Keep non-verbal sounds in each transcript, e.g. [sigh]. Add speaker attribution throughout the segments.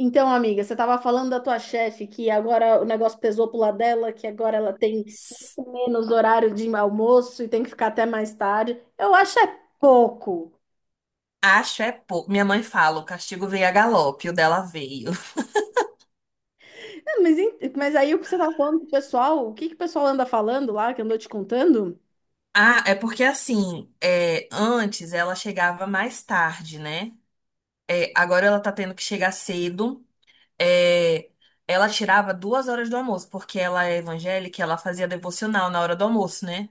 Speaker 1: Então, amiga, você estava falando da tua chefe que agora o negócio pesou pro lado dela, que agora ela tem muito menos horário de almoço e tem que ficar até mais tarde. Eu acho é pouco.
Speaker 2: Acho é pouco. Minha mãe fala, o castigo veio a galope, o dela veio. [laughs]
Speaker 1: É, mas, mas aí o que você estava falando pro pessoal, o que que o pessoal anda falando lá, que andou te contando?
Speaker 2: Ah, é porque assim, é, antes ela chegava mais tarde, né? É, agora ela tá tendo que chegar cedo. É, ela tirava 2 horas do almoço, porque ela é evangélica, ela fazia devocional na hora do almoço, né?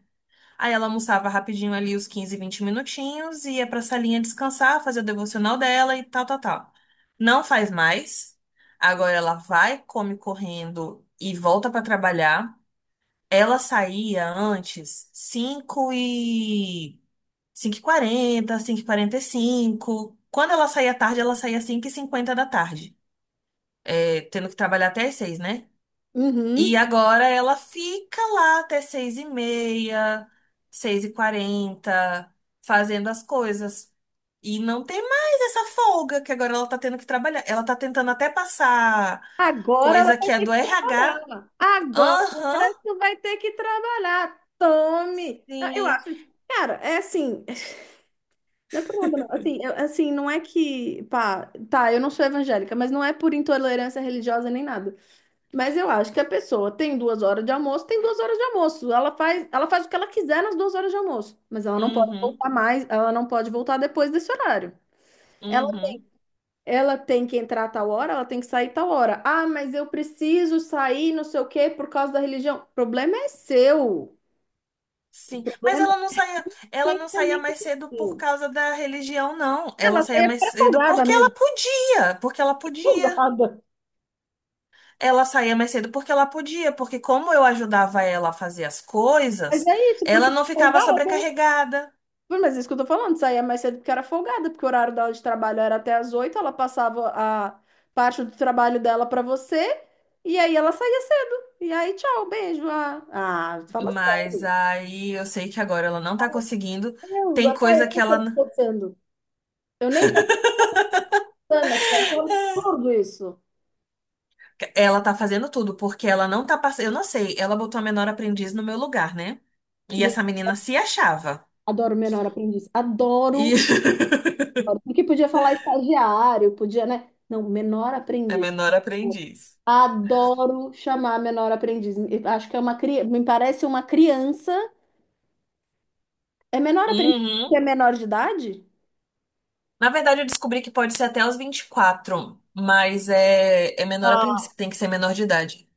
Speaker 2: Aí ela almoçava rapidinho ali os 15, 20 minutinhos, ia pra salinha descansar, fazer o devocional dela e tal, tal, tal. Não faz mais. Agora ela vai, come correndo e volta pra trabalhar. Ela saía antes 5 e 5h40, quarenta cinco e quarenta e cinco. Quando ela saía tarde, ela saía 5:50 da tarde, é, tendo que trabalhar até as 6, né? E
Speaker 1: Uhum.
Speaker 2: agora ela fica lá até 6:30, 6:40, fazendo as coisas. E não tem mais essa folga que agora ela tá tendo que trabalhar. Ela tá tentando até passar
Speaker 1: Agora ela
Speaker 2: coisa
Speaker 1: vai
Speaker 2: que é
Speaker 1: ter
Speaker 2: do
Speaker 1: que
Speaker 2: RH.
Speaker 1: trabalhar. Agora
Speaker 2: Aham,
Speaker 1: tu vai ter que trabalhar. Tome. Ah, eu
Speaker 2: sim.
Speaker 1: acho, cara, é assim. Não é por nada, não. Assim, assim, não é que, pá, tá, eu não sou evangélica, mas não é por intolerância religiosa nem nada. Mas eu acho que a pessoa tem 2 horas de almoço, tem duas horas de almoço. Ela faz o que ela quiser nas 2 horas de almoço, mas ela não pode
Speaker 2: Uhum,
Speaker 1: voltar mais, ela não pode voltar depois desse horário. Ela,
Speaker 2: uhum.
Speaker 1: ela tem que entrar tal hora, ela tem que sair tal hora. Ah, mas eu preciso sair, não sei o quê, por causa da religião. O problema é seu. O
Speaker 2: Sim, mas
Speaker 1: problema é
Speaker 2: ela não saía
Speaker 1: tecnicamente
Speaker 2: mais cedo por
Speaker 1: seu.
Speaker 2: causa da religião, não. Ela
Speaker 1: Ela
Speaker 2: saía
Speaker 1: é
Speaker 2: mais cedo
Speaker 1: folgada
Speaker 2: porque ela
Speaker 1: mesmo,
Speaker 2: podia, porque ela podia.
Speaker 1: folgada.
Speaker 2: Ela saía mais cedo porque ela podia, porque como eu ajudava ela a fazer as
Speaker 1: Mas
Speaker 2: coisas,
Speaker 1: é isso, porque
Speaker 2: ela não
Speaker 1: era
Speaker 2: ficava
Speaker 1: folgada.
Speaker 2: sobrecarregada.
Speaker 1: Mas é isso que eu tô falando, saía mais cedo porque era folgada, porque o horário dela de trabalho era até as oito, ela passava a parte do trabalho dela pra você, e aí ela saía cedo. E aí, tchau, beijo. Ah, fala
Speaker 2: Mas
Speaker 1: sério.
Speaker 2: aí eu sei que agora ela não tá conseguindo.
Speaker 1: Meu Deus,
Speaker 2: Tem
Speaker 1: até
Speaker 2: coisa que
Speaker 1: eu
Speaker 2: ela
Speaker 1: tô pensando. Eu nem tô pensando aqui, eu acho um absurdo isso.
Speaker 2: tá fazendo tudo, porque ela não tá passando, eu não sei, ela botou a menor aprendiz no meu lugar, né? E
Speaker 1: De-
Speaker 2: essa menina se achava.
Speaker 1: Adoro menor aprendiz.
Speaker 2: E
Speaker 1: Adoro. Adoro. Porque podia falar estagiário, podia, né? Não, menor
Speaker 2: [laughs] é
Speaker 1: aprendiz.
Speaker 2: menor aprendiz.
Speaker 1: Adoro chamar menor aprendiz. Eu acho que é uma criança, me parece uma criança. É menor aprendiz que é
Speaker 2: Uhum.
Speaker 1: menor de idade?
Speaker 2: Na verdade, eu descobri que pode ser até os 24, mas é menor aprendiz,
Speaker 1: Ah,
Speaker 2: que tem que ser menor de idade.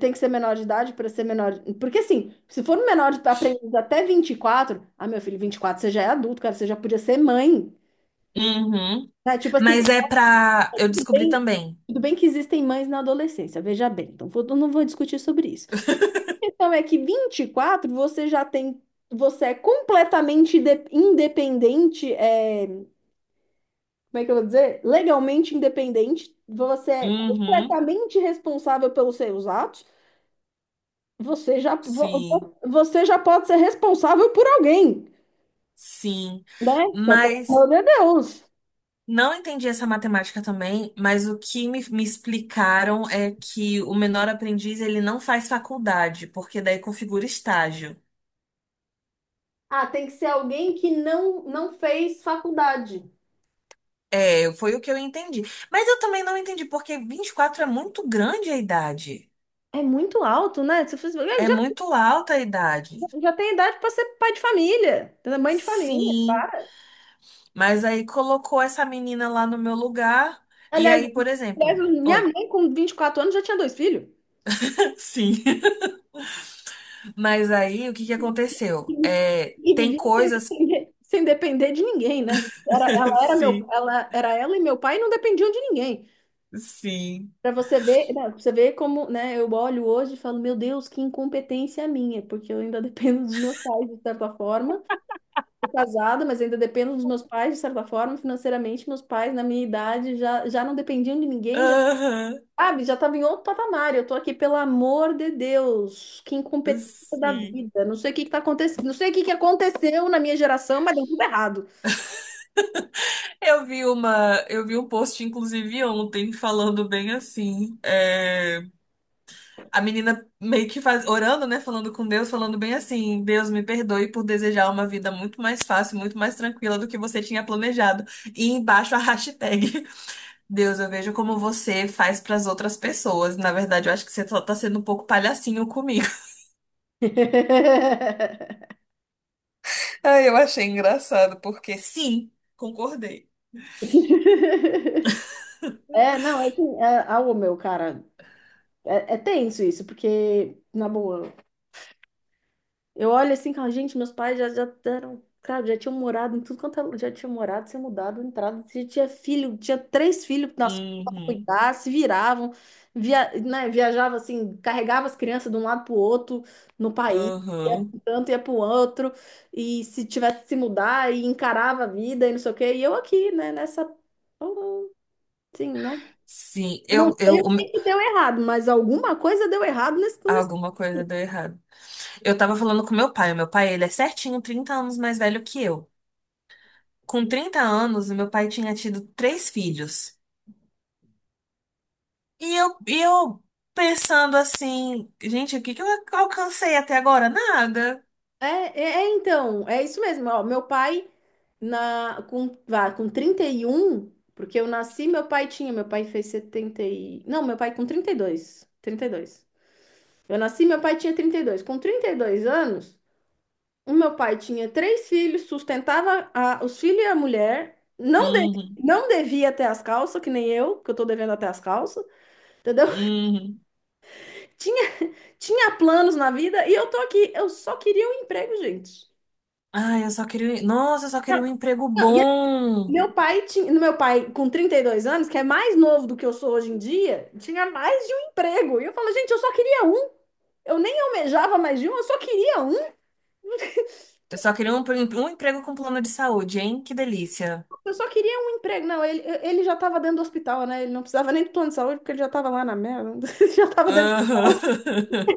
Speaker 1: tem que ser menor de idade para ser menor. Porque assim, se for um menor de aprendiz até 24. Ah, meu filho, 24. Você já é adulto, cara, você já podia ser mãe.
Speaker 2: Uhum.
Speaker 1: Né? Tipo assim,
Speaker 2: Mas é pra. Eu
Speaker 1: tudo
Speaker 2: descobri
Speaker 1: bem,
Speaker 2: também.
Speaker 1: tudo bem que existem mães na adolescência, veja bem. Então, eu não vou discutir sobre isso. A questão é que 24 você já tem, você é completamente independente, é, como é que eu vou dizer? Legalmente independente, você é
Speaker 2: Uhum,
Speaker 1: completamente responsável pelos seus atos, você já,
Speaker 2: sim,
Speaker 1: você já pode ser responsável por alguém,
Speaker 2: sim.
Speaker 1: né? Só que, pelo
Speaker 2: Mas
Speaker 1: amor de Deus.
Speaker 2: não entendi essa matemática também, mas o que me explicaram é que o menor aprendiz ele não faz faculdade, porque daí configura estágio.
Speaker 1: Ah, tem que ser alguém que não fez faculdade.
Speaker 2: É, foi o que eu entendi. Mas eu também não entendi, porque 24 é muito grande a idade.
Speaker 1: É muito alto, né? Já,
Speaker 2: É
Speaker 1: já
Speaker 2: muito alta a idade.
Speaker 1: tem idade para ser pai de família, mãe de família.
Speaker 2: Sim, mas aí colocou essa menina lá no meu lugar. E
Speaker 1: Aliás,
Speaker 2: aí, por
Speaker 1: aliás,
Speaker 2: exemplo.
Speaker 1: minha
Speaker 2: Oi,
Speaker 1: mãe com 24 anos já tinha dois filhos.
Speaker 2: sim. [laughs] Mas aí, o que que aconteceu? É,
Speaker 1: E
Speaker 2: tem
Speaker 1: vivia sem
Speaker 2: coisas.
Speaker 1: depender, sem depender de ninguém, né? Era,
Speaker 2: [laughs] Sim,
Speaker 1: ela era ela e meu pai e não dependiam de ninguém.
Speaker 2: sim.
Speaker 1: Para você ver, né, pra você ver como, né, eu olho hoje e falo, meu Deus, que incompetência a minha, porque eu ainda [laughs] dependo dos meus pais de certa forma. Tô casada, mas ainda dependo dos meus pais de certa forma, financeiramente, meus pais na minha idade já não dependiam de ninguém, já.
Speaker 2: Aham,
Speaker 1: Sabe, já estava em outro patamar. Eu tô aqui, pelo amor de Deus, que incompetência da
Speaker 2: sim.
Speaker 1: vida. Não sei o que que tá acontecendo, não sei o que que aconteceu na minha geração, mas deu tudo errado.
Speaker 2: Eu vi uma, eu vi um post, inclusive, ontem, falando bem assim. A menina meio que faz, orando, né? Falando com Deus, falando bem assim, Deus me perdoe por desejar uma vida muito mais fácil, muito mais tranquila do que você tinha planejado. E embaixo a hashtag. Deus, eu vejo como você faz para as outras pessoas. Na verdade, eu acho que você só tá sendo um pouco palhacinho comigo. [laughs]
Speaker 1: [laughs]
Speaker 2: Ah, eu achei engraçado, porque sim, concordei.
Speaker 1: É, não, é assim, é, ah, ô, meu, cara, é, é tenso isso, porque, na boa, eu olho assim, e falo, gente, meus pais já eram, cara, já tinham morado em tudo quanto é já tinham morado, se mudado, entrado, já tinha filho, tinha três filhos nas costas pra
Speaker 2: Uhum,
Speaker 1: cuidar, se viravam, via, né, viajava assim, carregava as crianças de um lado pro outro no país, ia pra
Speaker 2: uhum.
Speaker 1: um tanto, ia pro outro, e se tivesse que se mudar, e encarava a vida e não sei o quê, e eu aqui, né, nessa, assim, né,
Speaker 2: Sim,
Speaker 1: não sei o que que deu errado, mas alguma coisa deu errado nesse.
Speaker 2: alguma coisa deu errado. Eu tava falando com meu pai. O meu pai, ele é certinho 30 anos mais velho que eu. Com 30 anos, o meu pai tinha tido três filhos. E eu pensando assim, gente, o que que eu alcancei até agora? Nada.
Speaker 1: É, então, é isso mesmo. Ó, meu pai, com 31, porque eu nasci, meu pai fez 70 e... Não, meu pai com 32. Eu nasci, meu pai tinha 32. Com 32 anos, o meu pai tinha três filhos, sustentava os filhos e a mulher, não, de,
Speaker 2: Uhum,
Speaker 1: não devia até as calças, que nem eu, que eu tô devendo até as calças, entendeu? [laughs]
Speaker 2: uhum.
Speaker 1: Tinha, tinha planos na vida e eu tô aqui, eu só queria um emprego, gente.
Speaker 2: Ai, eu só queria. Nossa, eu só queria
Speaker 1: Não,
Speaker 2: um emprego
Speaker 1: não,
Speaker 2: bom.
Speaker 1: meu pai tinha, no meu pai com 32 anos, que é mais novo do que eu sou hoje em dia, tinha mais de um emprego. E eu falo, gente, eu só queria um. Eu nem almejava mais de um, eu só queria um.
Speaker 2: Eu só queria um emprego com plano de saúde, hein? Que delícia.
Speaker 1: Eu só queria um emprego. Não, ele já estava dentro do hospital, né? Ele não precisava nem do plano de saúde, porque ele já estava lá na merda. [laughs] Já estava dentro do
Speaker 2: Aham.
Speaker 1: hospital.
Speaker 2: [laughs]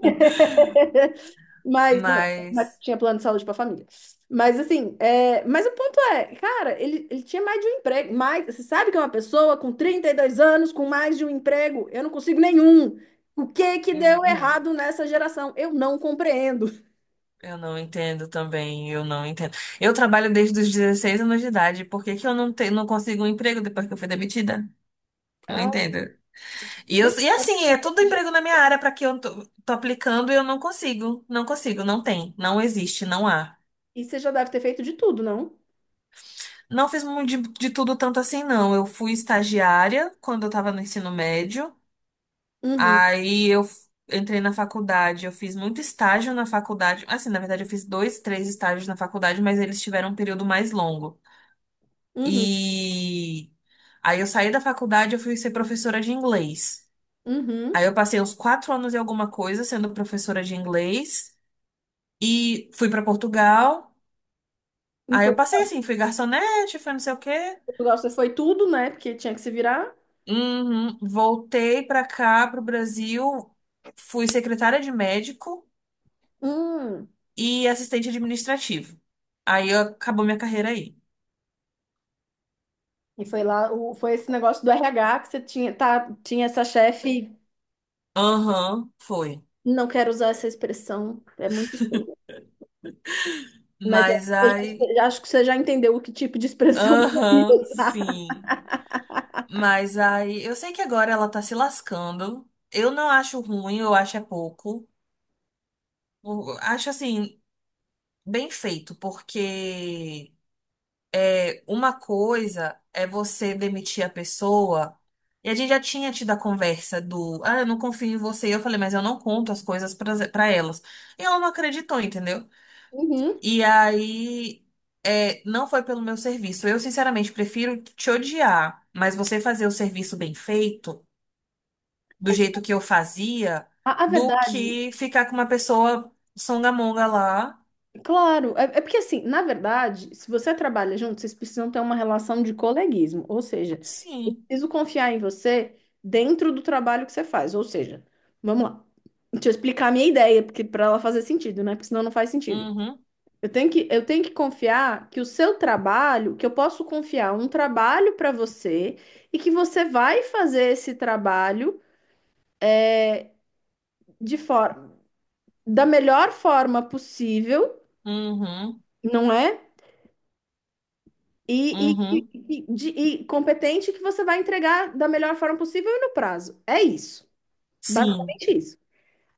Speaker 1: Mas, não, mas
Speaker 2: Mas.
Speaker 1: tinha plano de saúde para a família. Mas assim, é, mas o ponto é, cara, ele tinha mais de um emprego. Mais, você sabe que é uma pessoa com 32 anos, com mais de um emprego, eu não consigo nenhum. O que que deu
Speaker 2: Uhum,
Speaker 1: errado nessa geração? Eu não compreendo.
Speaker 2: eu não entendo também, eu não entendo. Eu trabalho desde os 16 anos de idade, por que que eu não consigo um emprego depois que eu fui demitida? Não
Speaker 1: Ah,
Speaker 2: entendo. E assim, é tudo emprego na minha área para que eu tô aplicando e eu não consigo, não consigo, não tem, não existe, não há.
Speaker 1: e você já deve ter feito de tudo, não?
Speaker 2: Não fiz muito de tudo tanto assim, não. Eu fui estagiária quando eu estava no ensino médio.
Speaker 1: Uhum,
Speaker 2: Aí eu entrei na faculdade. Eu fiz muito estágio na faculdade. Assim, na verdade, eu fiz dois, três estágios na faculdade, mas eles tiveram um período mais longo.
Speaker 1: uhum,
Speaker 2: E aí eu saí da faculdade, eu fui ser professora de inglês.
Speaker 1: uhum.
Speaker 2: Aí eu passei uns 4 anos e alguma coisa sendo professora de inglês. E fui para Portugal.
Speaker 1: Em
Speaker 2: Aí eu passei assim, fui garçonete, fui não sei o quê.
Speaker 1: Portugal você foi tudo, né? Porque tinha que se virar.
Speaker 2: Uhum. Voltei para cá, para o Brasil, fui secretária de médico
Speaker 1: Hum.
Speaker 2: e assistente administrativo. Aí acabou minha carreira aí.
Speaker 1: E foi lá, o, foi esse negócio do RH que você tinha, tá, tinha essa chefe.
Speaker 2: Aham, foi.
Speaker 1: Não quero usar essa expressão, é muito feia. Mas é,
Speaker 2: Mas
Speaker 1: eu
Speaker 2: aí.
Speaker 1: já acho que você já entendeu o que tipo de expressão [laughs] eu ia
Speaker 2: Aham,
Speaker 1: usar.
Speaker 2: sim. Mas aí. Eu sei que agora ela tá se lascando. Eu não acho ruim, eu acho é pouco. Eu acho assim, bem feito, porque uma coisa é você demitir a pessoa. E a gente já tinha tido a conversa do, ah, eu não confio em você. Eu falei, mas eu não conto as coisas pra elas. E ela não acreditou, entendeu?
Speaker 1: Uhum.
Speaker 2: E aí, é, não foi pelo meu serviço. Eu, sinceramente, prefiro te odiar, mas você fazer o serviço bem feito, do
Speaker 1: É tipo,
Speaker 2: jeito que eu fazia,
Speaker 1: a
Speaker 2: do
Speaker 1: verdade,
Speaker 2: que ficar com uma pessoa songamonga lá.
Speaker 1: claro. É, é porque, assim, na verdade, se você trabalha junto, vocês precisam ter uma relação de coleguismo. Ou seja, eu
Speaker 2: Sim.
Speaker 1: preciso confiar em você dentro do trabalho que você faz. Ou seja, vamos lá. Deixa eu explicar a minha ideia, porque para ela fazer sentido, né? Porque senão não faz sentido.
Speaker 2: Uhum.
Speaker 1: Eu tenho que confiar que o seu trabalho, que eu posso confiar um trabalho para você e que você vai fazer esse trabalho de forma, da melhor forma possível,
Speaker 2: Uhum.
Speaker 1: não é? E,
Speaker 2: Uhum.
Speaker 1: e competente que você vai entregar da melhor forma possível e no prazo. É isso.
Speaker 2: Sim.
Speaker 1: Basicamente isso.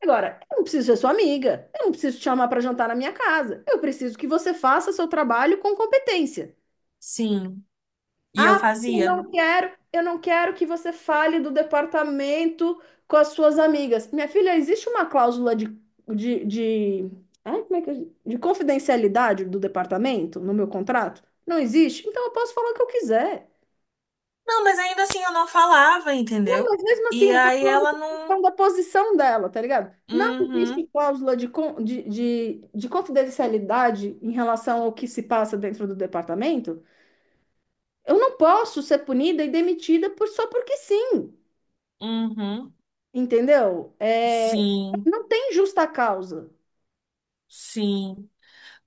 Speaker 1: Agora, eu não preciso ser sua amiga, eu não preciso te chamar para jantar na minha casa. Eu preciso que você faça seu trabalho com competência.
Speaker 2: Sim. E eu
Speaker 1: Ah, porque
Speaker 2: fazia.
Speaker 1: não quero, eu não quero que você fale do departamento com as suas amigas. Minha filha, existe uma cláusula de, ai, como é que é? De confidencialidade do departamento no meu contrato? Não existe? Então eu posso falar o que eu quiser.
Speaker 2: Não, mas ainda assim eu não falava,
Speaker 1: Não,
Speaker 2: entendeu?
Speaker 1: mas mesmo assim,
Speaker 2: E
Speaker 1: eu tô
Speaker 2: aí
Speaker 1: falando
Speaker 2: ela
Speaker 1: com questão
Speaker 2: não.
Speaker 1: da posição dela, tá ligado? Não
Speaker 2: Uhum,
Speaker 1: existe cláusula de, de confidencialidade em relação ao que se passa dentro do departamento. Eu não posso ser punida e demitida por, só porque sim.
Speaker 2: uhum.
Speaker 1: Entendeu? É,
Speaker 2: Sim,
Speaker 1: não tem justa causa.
Speaker 2: sim.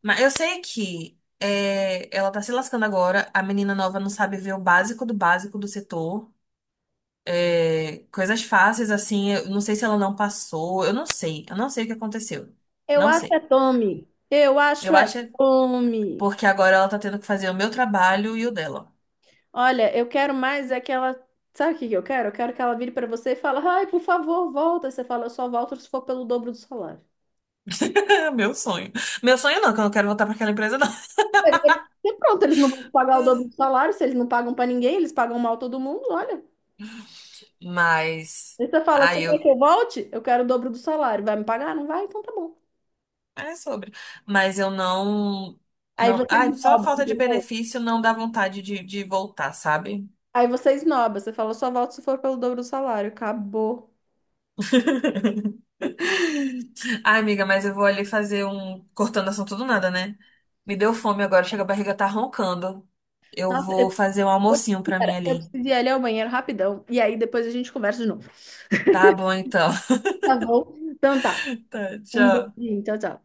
Speaker 2: Mas eu sei que é, ela tá se lascando agora. A menina nova não sabe ver o básico do setor. É, coisas fáceis, assim. Eu não sei se ela não passou. Eu não sei. Eu não sei o que aconteceu.
Speaker 1: Eu
Speaker 2: Não
Speaker 1: acho é
Speaker 2: sei.
Speaker 1: Tommy. Eu acho
Speaker 2: Eu
Speaker 1: é
Speaker 2: acho é
Speaker 1: Tommy.
Speaker 2: porque agora ela tá tendo que fazer o meu trabalho e o dela.
Speaker 1: Olha, eu quero mais é que ela. Sabe o que que eu quero? Eu quero que ela vire para você e fale, ai, por favor, volta. Você fala, eu só volto se for pelo dobro do salário.
Speaker 2: [laughs] Meu sonho. Meu sonho não, que eu não quero voltar pra aquela empresa, não.
Speaker 1: E pronto, eles não vão pagar o dobro do salário, se eles não pagam para ninguém, eles pagam mal todo mundo, olha.
Speaker 2: Mas
Speaker 1: Aí você fala, você
Speaker 2: aí
Speaker 1: quer
Speaker 2: eu
Speaker 1: que eu volte? Eu quero o dobro do salário. Vai me pagar? Não vai? Então tá bom.
Speaker 2: é sobre, mas eu não
Speaker 1: Aí
Speaker 2: não,
Speaker 1: você
Speaker 2: ai, só a
Speaker 1: esnoba,
Speaker 2: falta de
Speaker 1: entendeu?
Speaker 2: benefício não dá vontade de voltar, sabe?
Speaker 1: Aí você esnoba, você fala, só volto se for pelo dobro do salário. Acabou.
Speaker 2: [laughs] Ai, amiga, mas eu vou ali fazer um cortando assunto do nada, né? Me deu fome agora, chega a barriga tá roncando. Eu
Speaker 1: Nossa, eu.
Speaker 2: vou fazer um almocinho pra
Speaker 1: Cara,
Speaker 2: mim
Speaker 1: eu
Speaker 2: ali.
Speaker 1: preciso ir ali ao banheiro rapidão. E aí depois a gente conversa de novo.
Speaker 2: Tá bom então. [laughs]
Speaker 1: Tá bom? Então tá.
Speaker 2: Tá,
Speaker 1: Um
Speaker 2: tchau.
Speaker 1: beijinho. Tchau, tchau.